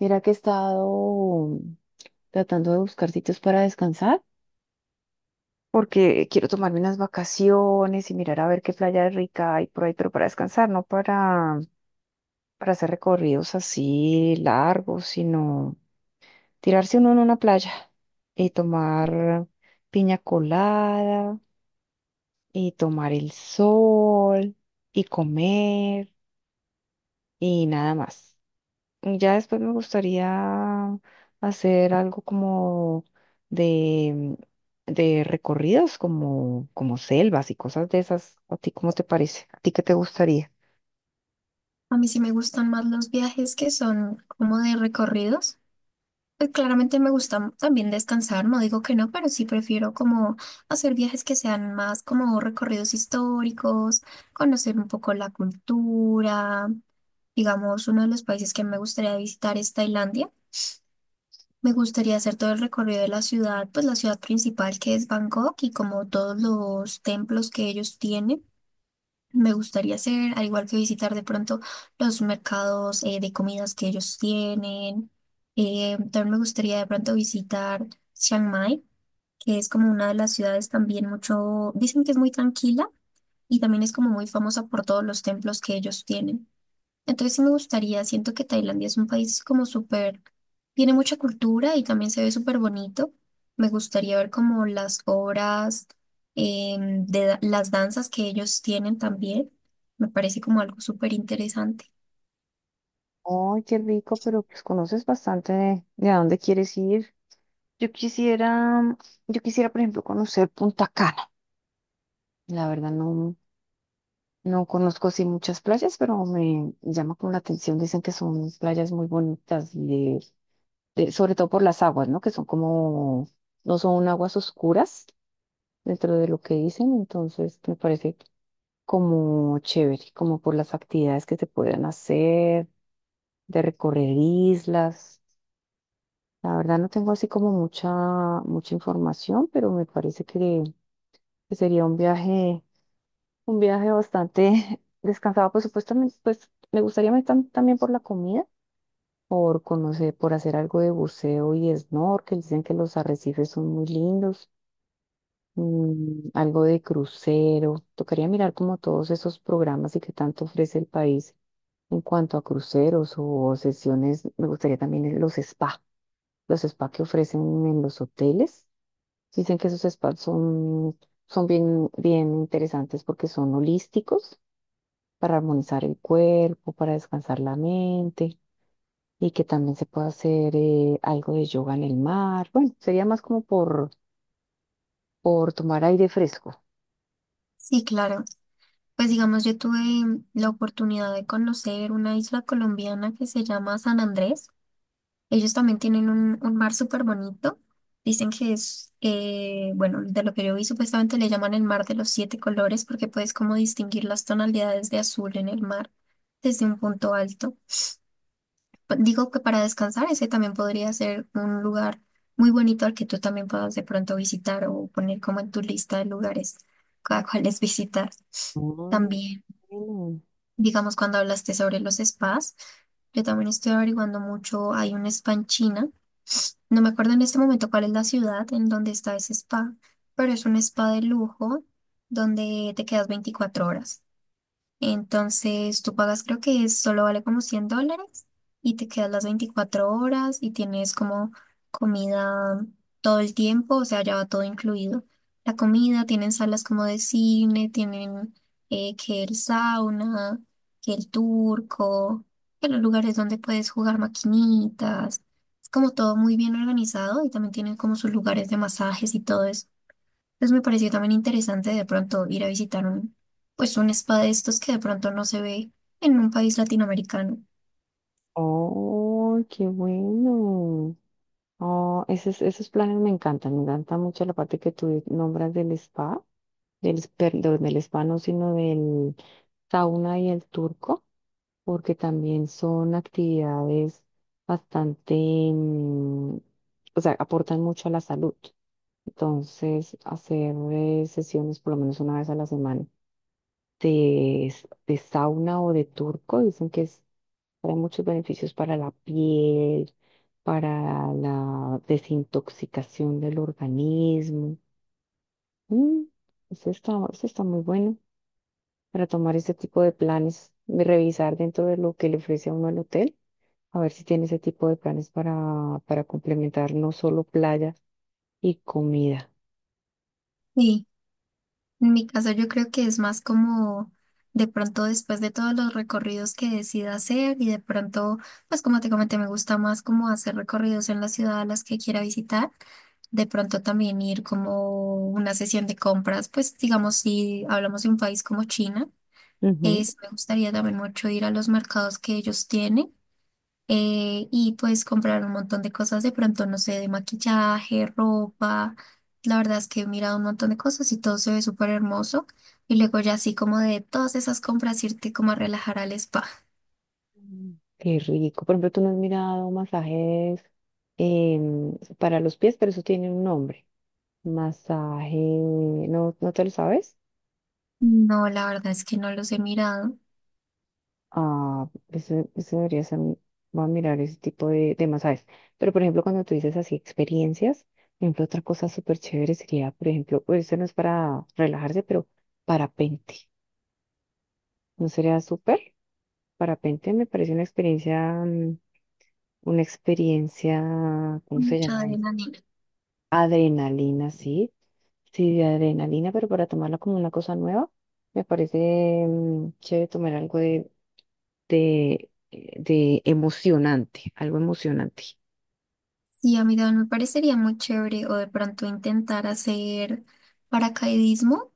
Mira que he estado tratando de buscar sitios para descansar porque quiero tomarme unas vacaciones y mirar a ver qué playa rica hay por ahí, pero para descansar, no para hacer recorridos así largos, sino tirarse uno en una playa y tomar piña colada y tomar el sol y comer y nada más. Ya después me gustaría hacer algo como de, de recorridos, como, como selvas y cosas de esas. ¿A ti cómo te parece? ¿A ti qué te gustaría? A mí sí me gustan más los viajes que son como de recorridos. Pues claramente me gusta también descansar, no digo que no, pero sí prefiero como hacer viajes que sean más como recorridos históricos, conocer un poco la cultura. Digamos, uno de los países que me gustaría visitar es Tailandia. Me gustaría hacer todo el recorrido de la ciudad, pues la ciudad principal que es Bangkok y como todos los templos que ellos tienen. Me gustaría hacer, al igual que visitar de pronto los mercados de comidas que ellos tienen. También me gustaría de pronto visitar Chiang Mai, que es como una de las ciudades también mucho, dicen que es muy tranquila y también es como muy famosa por todos los templos que ellos tienen. Entonces sí me gustaría, siento que Tailandia es un país como súper, tiene mucha cultura y también se ve súper bonito. Me gustaría ver como las obras de las danzas que ellos tienen también. Me parece como algo súper interesante. Ay, qué rico, pero pues conoces bastante de a dónde quieres ir. Yo quisiera, yo quisiera, por ejemplo, conocer Punta Cana. La verdad no conozco así muchas playas, pero me llama como la atención. Dicen que son playas muy bonitas y sobre todo por las aguas, ¿no? Que son como, no son aguas oscuras dentro de lo que dicen, entonces me parece como chévere, como por las actividades que se pueden hacer, de recorrer islas. La verdad no tengo así como mucha información, pero me parece que sería un viaje bastante descansado. Por supuesto, también, pues me gustaría también por la comida, por conocer, por hacer algo de buceo y snorkel. Dicen que los arrecifes son muy lindos. Algo de crucero. Tocaría mirar como todos esos programas y qué tanto ofrece el país en cuanto a cruceros o sesiones. Me gustaría también los spa que ofrecen en los hoteles. Dicen que esos son bien interesantes porque son holísticos para armonizar el cuerpo, para descansar la mente y que también se puede hacer algo de yoga en el mar. Bueno, sería más como por tomar aire fresco. Sí, claro. Pues digamos, yo tuve la oportunidad de conocer una isla colombiana que se llama San Andrés. Ellos también tienen un mar súper bonito. Dicen que es, bueno, de lo que yo vi, supuestamente le llaman el mar de los siete colores porque puedes como distinguir las tonalidades de azul en el mar desde un punto alto. Digo que para descansar ese también podría ser un lugar muy bonito al que tú también puedas de pronto visitar o poner como en tu lista de lugares a cuáles visitar. Mm, También, bueno. digamos, cuando hablaste sobre los spas, yo también estoy averiguando mucho, hay un spa en China, pues no me acuerdo en este momento cuál es la ciudad en donde está ese spa, pero es un spa de lujo donde te quedas 24 horas. Entonces tú pagas, creo que solo vale como $100 y te quedas las 24 horas y tienes como comida todo el tiempo, o sea, ya va todo incluido. La comida, tienen salas como de cine, tienen que el sauna, que el turco, que los lugares donde puedes jugar maquinitas. Es como todo muy bien organizado y también tienen como sus lugares de masajes y todo eso. Pues me pareció también interesante de pronto ir a visitar pues un spa de estos que de pronto no se ve en un país latinoamericano. Oh, qué bueno. Oh, esos planes me encantan. Me encanta mucho la parte que tú nombras del spa, del spa no, sino del sauna y el turco, porque también son actividades bastante, o sea, aportan mucho a la salud. Entonces, hacer sesiones por lo menos una vez a la semana de sauna o de turco, dicen que es hay muchos beneficios para la piel, para la desintoxicación del organismo. Mm, eso está muy bueno para tomar ese tipo de planes, y revisar dentro de lo que le ofrece a uno el hotel, a ver si tiene ese tipo de planes para complementar no solo playa y comida. Y en mi caso yo creo que es más como de pronto después de todos los recorridos que decida hacer y de pronto, pues como te comenté, me gusta más como hacer recorridos en la ciudad a las que quiera visitar. De pronto también ir como una sesión de compras, pues digamos si hablamos de un país como China, Ujú. es, me gustaría también mucho ir a los mercados que ellos tienen y pues comprar un montón de cosas de pronto, no sé, de maquillaje, ropa. La verdad es que he mirado un montón de cosas y todo se ve súper hermoso. Y luego ya así como de todas esas compras irte como a relajar al spa. Mm. Qué rico. Por ejemplo, tú no has mirado masajes para los pies, pero eso tiene un nombre. Masaje, ¿no te lo sabes? No, la verdad es que no los he mirado. Ah, eso voy a mirar ese tipo de masajes. Pero, por ejemplo, cuando tú dices así experiencias, por ejemplo, otra cosa súper chévere sería, por ejemplo, pues eso no es para relajarse, pero parapente. ¿No sería súper? Parapente me parece una experiencia, una experiencia, ¿cómo se Mucha llama eso? adrenalina. Adrenalina, sí. Sí, de adrenalina, pero para tomarla como una cosa nueva, me parece chévere tomar algo de emocionante, algo emocionante. Sí, a mí también me parecería muy chévere o de pronto intentar hacer paracaidismo.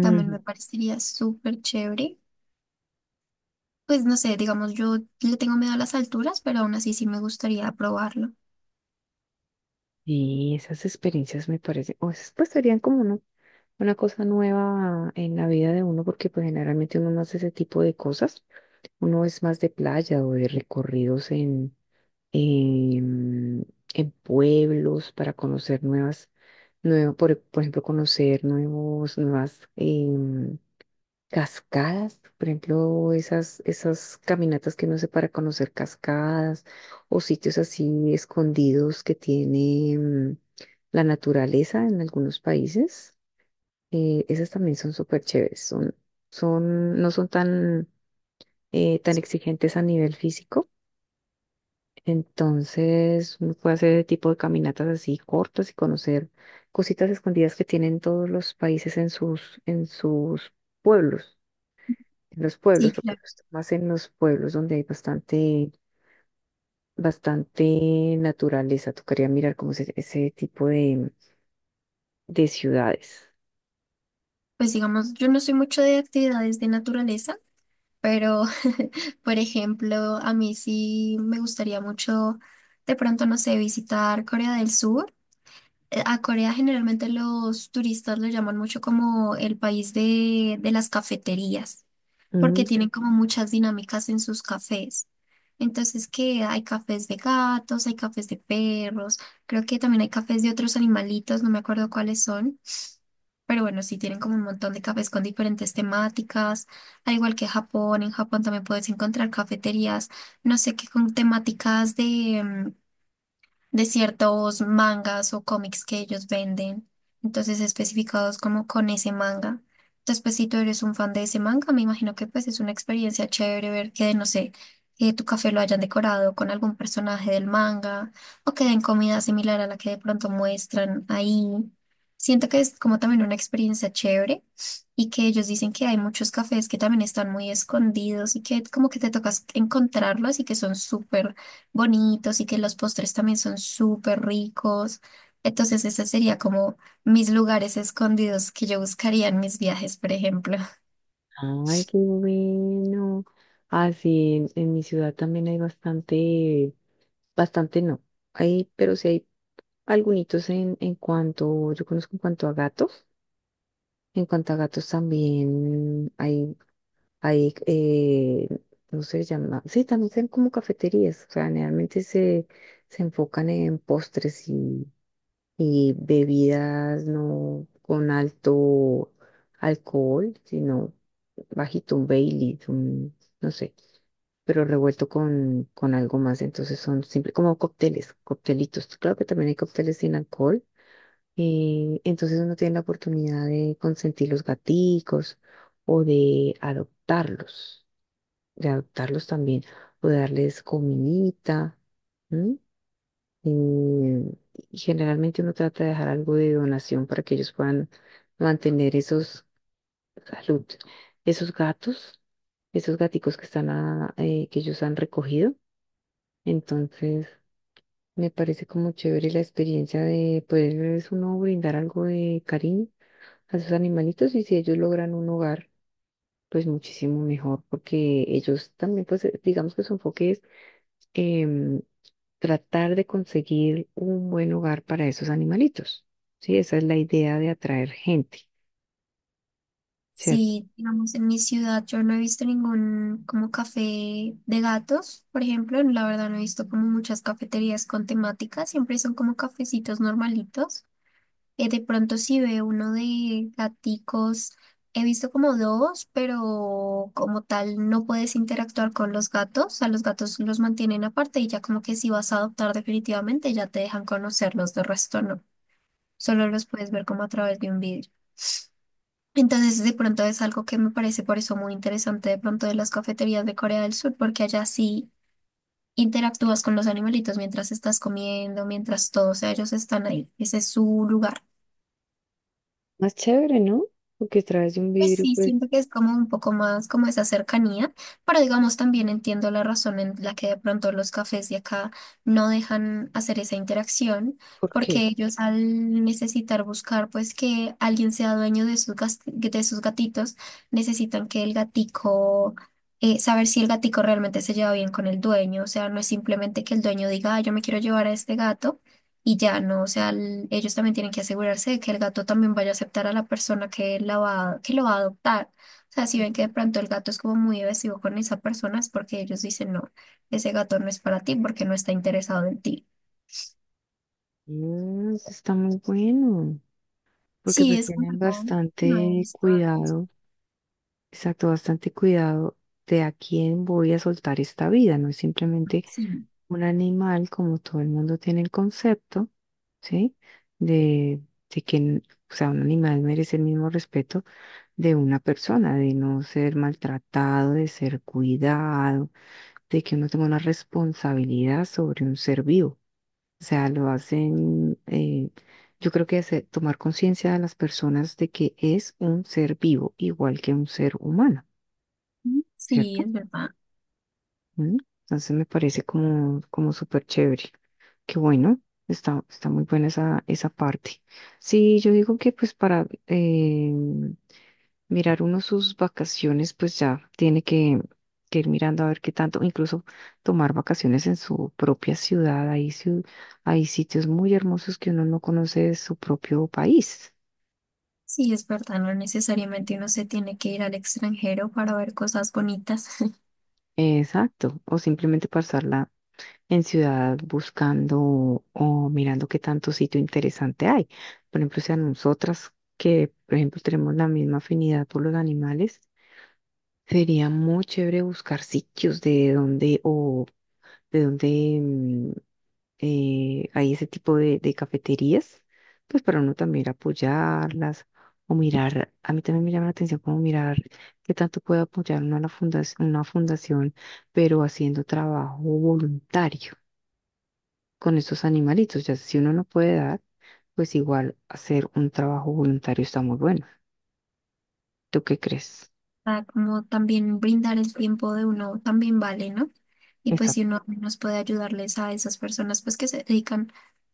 También me parecería súper chévere. Pues no sé, digamos, yo le tengo miedo a las alturas, pero aún así sí me gustaría probarlo. Y esas experiencias me parecen, o esas pues serían como una cosa nueva en la vida de uno, porque pues generalmente uno no hace ese tipo de cosas. Uno es más de playa o de recorridos en, en pueblos para conocer nuevas, nuevo, por ejemplo, conocer nuevos, nuevas, cascadas, por ejemplo, esas caminatas que uno hace para conocer cascadas o sitios así escondidos que tiene la naturaleza en algunos países. Esas también son súper chéveres, no son tan, tan exigentes a nivel físico, entonces uno puede hacer ese tipo de caminatas así cortas y conocer cositas escondidas que tienen todos los países en sus pueblos. En los pueblos, Sí, porque claro. está más en los pueblos donde hay bastante, bastante naturaleza. Tocaría mirar como ese tipo de ciudades. Pues digamos, yo no soy mucho de actividades de naturaleza, pero por ejemplo, a mí sí me gustaría mucho, de pronto, no sé, visitar Corea del Sur. A Corea generalmente los turistas lo llaman mucho como el país de las cafeterías, porque Mm, tienen como muchas dinámicas en sus cafés. Entonces, que hay cafés de gatos, hay cafés de perros, creo que también hay cafés de otros animalitos, no me acuerdo cuáles son. Pero bueno, sí tienen como un montón de cafés con diferentes temáticas, al igual que Japón, en Japón también puedes encontrar cafeterías, no sé qué, con temáticas de ciertos mangas o cómics que ellos venden, entonces especificados como con ese manga. Entonces, pues si tú eres un fan de ese manga, me imagino que pues es una experiencia chévere ver que, no sé, que tu café lo hayan decorado con algún personaje del manga o que den comida similar a la que de pronto muestran ahí. Siento que es como también una experiencia chévere y que ellos dicen que hay muchos cafés que también están muy escondidos y que como que te tocas encontrarlos y que son súper bonitos y que los postres también son súper ricos. Entonces, ese sería como mis lugares escondidos que yo buscaría en mis viajes, por ejemplo. ay, qué bueno. Así en mi ciudad también hay bastante, bastante no. Hay, pero sí hay algunos yo conozco en cuanto a gatos. En cuanto a gatos también hay. Hay, eh, no se llama, sí, también son como cafeterías, o sea, se enfocan en postres y bebidas no con alto alcohol, sino bajito, un Bailey, no sé, pero revuelto con algo más, entonces son simple, como cócteles, coctelitos, claro que también hay cócteles sin alcohol, entonces uno tiene la oportunidad de consentir los gaticos o de adoptarlos, de adoptarlos también o de darles comidita. ¿M? Y, y generalmente uno trata de dejar algo de donación para que ellos puedan mantener salud, esos gatos, esos gaticos que están que ellos han recogido. Entonces, me parece como chévere la experiencia de poderles uno brindar algo de cariño a sus animalitos y si ellos logran un hogar, pues muchísimo mejor, porque ellos también, pues digamos que su enfoque es em, tratar de conseguir un buen hogar para esos animalitos. Sí, esa es la idea de atraer gente, ¿cierto? Si, digamos, en mi ciudad yo no he visto ningún como café de gatos, por ejemplo, la verdad no he visto como muchas cafeterías con temática, siempre son como cafecitos normalitos. De pronto si ve uno de gaticos, he visto como dos, pero como tal no puedes interactuar con los gatos, a los gatos los mantienen aparte y ya como que si vas a adoptar definitivamente ya te dejan conocerlos, de resto no, solo los puedes ver como a través de un vidrio. Entonces de pronto es algo que me parece por eso muy interesante de pronto de las cafeterías de Corea del Sur, porque allá sí interactúas con los animalitos mientras estás comiendo, mientras todo, o sea, ellos están ahí, ese es su lugar. Más chévere, ¿no? Porque a través de un Pues vidrio, sí, pues, siento que es como un poco más como esa cercanía, pero digamos también entiendo la razón en la que de pronto los cafés de acá no dejan hacer esa interacción, ¿por porque qué? ellos al necesitar buscar pues que alguien sea dueño de de sus gatitos, necesitan que el gatico, saber si el gatico realmente se lleva bien con el dueño, o sea, no es simplemente que el dueño diga, "Ah, yo me quiero llevar a este gato y ya no, o sea, ellos también tienen que asegurarse de que el gato también vaya a aceptar a la persona que, la va, que lo va a adoptar. O sea, si ven que de pronto el gato es como muy evasivo con esa persona, es porque ellos dicen, no, ese gato no es para ti porque no está interesado en ti. Mm, eso está muy bueno, porque Sí, pues es como tienen algo que no he bastante visto antes. cuidado, exacto, bastante cuidado de a quién voy a soltar esta vida, no es simplemente Sí, un animal como todo el mundo tiene el concepto, ¿sí? De, de que, o sea, un animal merece el mismo respeto de una persona, de no ser maltratado, de ser cuidado, de que uno tenga una responsabilidad sobre un ser vivo. O sea, lo hacen, yo creo que hace tomar conciencia de las personas de que es un ser vivo, igual que un ser humano, sí, ¿cierto? es verdad. ¿Mm? Entonces me parece como, como súper chévere. Qué bueno, está muy buena esa parte. Sí, yo digo que pues para, mirar uno sus vacaciones, pues ya tiene que ir mirando a ver qué tanto, incluso tomar vacaciones en su propia ciudad. Hay sitios muy hermosos que uno no conoce de su propio país. Sí, es verdad, no necesariamente uno se tiene que ir al extranjero para ver cosas bonitas. Exacto. O simplemente pasarla en ciudad buscando o mirando qué tanto sitio interesante hay. Por ejemplo, si a nosotras que, por ejemplo, tenemos la misma afinidad por los animales, sería muy chévere buscar sitios de donde o de dónde hay ese tipo de cafeterías, pues para uno también ir a apoyarlas o mirar, a mí también me llama la atención como mirar qué tanto puede apoyar uno a la fundación, una fundación, pero haciendo trabajo voluntario con estos animalitos, ya si uno no puede dar, pues igual hacer un trabajo voluntario está muy bueno. ¿Tú qué crees? Para como también brindar el tiempo de uno también vale, ¿no? Y pues si Exacto. uno nos puede ayudarles a esas personas pues que se dedican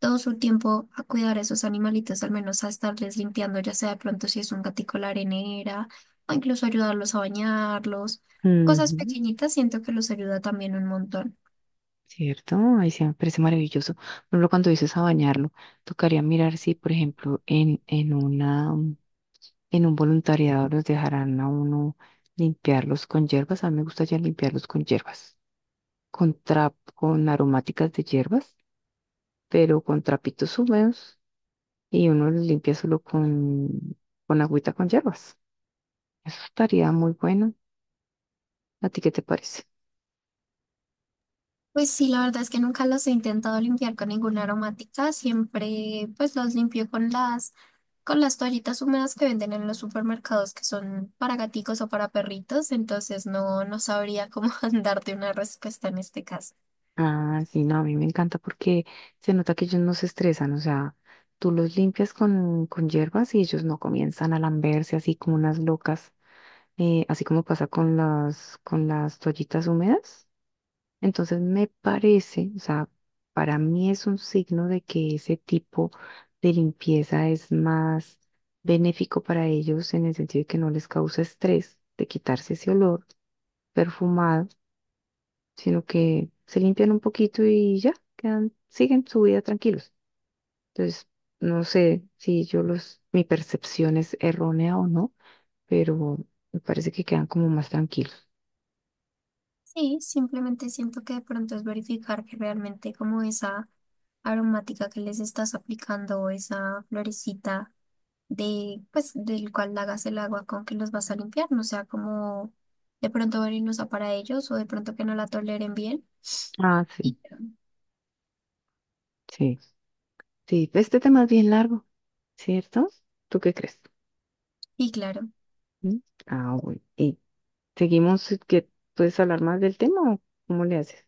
todo su tiempo a cuidar a esos animalitos, al menos a estarles limpiando, ya sea de pronto si es un gatico la arenera, o incluso ayudarlos a bañarlos, cosas Ujú. pequeñitas, siento que los ayuda también un montón. Cierto, ahí sí me parece maravilloso. Por ejemplo, cuando dices a bañarlo, tocaría mirar si, por ejemplo, en un voluntariado los dejarán a uno limpiarlos con hierbas. A mí me gusta ya limpiarlos con hierbas, con aromáticas de hierbas, pero con trapitos húmedos y uno los limpia solo con agüita con hierbas. Eso estaría muy bueno. ¿A ti qué te parece? Pues sí, la verdad es que nunca los he intentado limpiar con ninguna aromática, siempre pues los limpio con las toallitas húmedas que venden en los supermercados que son para gaticos o para perritos, entonces no sabría cómo darte una respuesta en este caso. Ah, sí, no, a mí me encanta porque se nota que ellos no se estresan, o sea, tú los limpias con hierbas y ellos no comienzan a lamberse así como unas locas así como pasa con con las toallitas húmedas. Entonces me parece, o sea, para mí es un signo de que ese tipo de limpieza es más benéfico para ellos en el sentido de que no les causa estrés de quitarse ese olor perfumado, sino que se limpian un poquito y ya, quedan, siguen su vida tranquilos. Entonces, no sé si mi percepción es errónea o no, pero me parece que quedan como más tranquilos. Sí, simplemente siento que de pronto es verificar que realmente como esa aromática que les estás aplicando o esa florecita de, pues, del cual hagas el agua con que los vas a limpiar, no sea como de pronto venenosa para ellos o de pronto que no la toleren bien. Ah, sí, Y sí. Sí, este tema es bien largo. ¿Cierto? ¿Tú qué crees? Y claro, ¿Mm? Ah, bueno. ¿Y seguimos? Que ¿Puedes hablar más del tema o cómo le haces?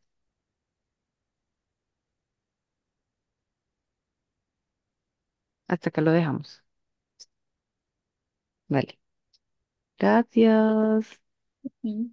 Hasta acá lo dejamos. Vale. Gracias. Sí,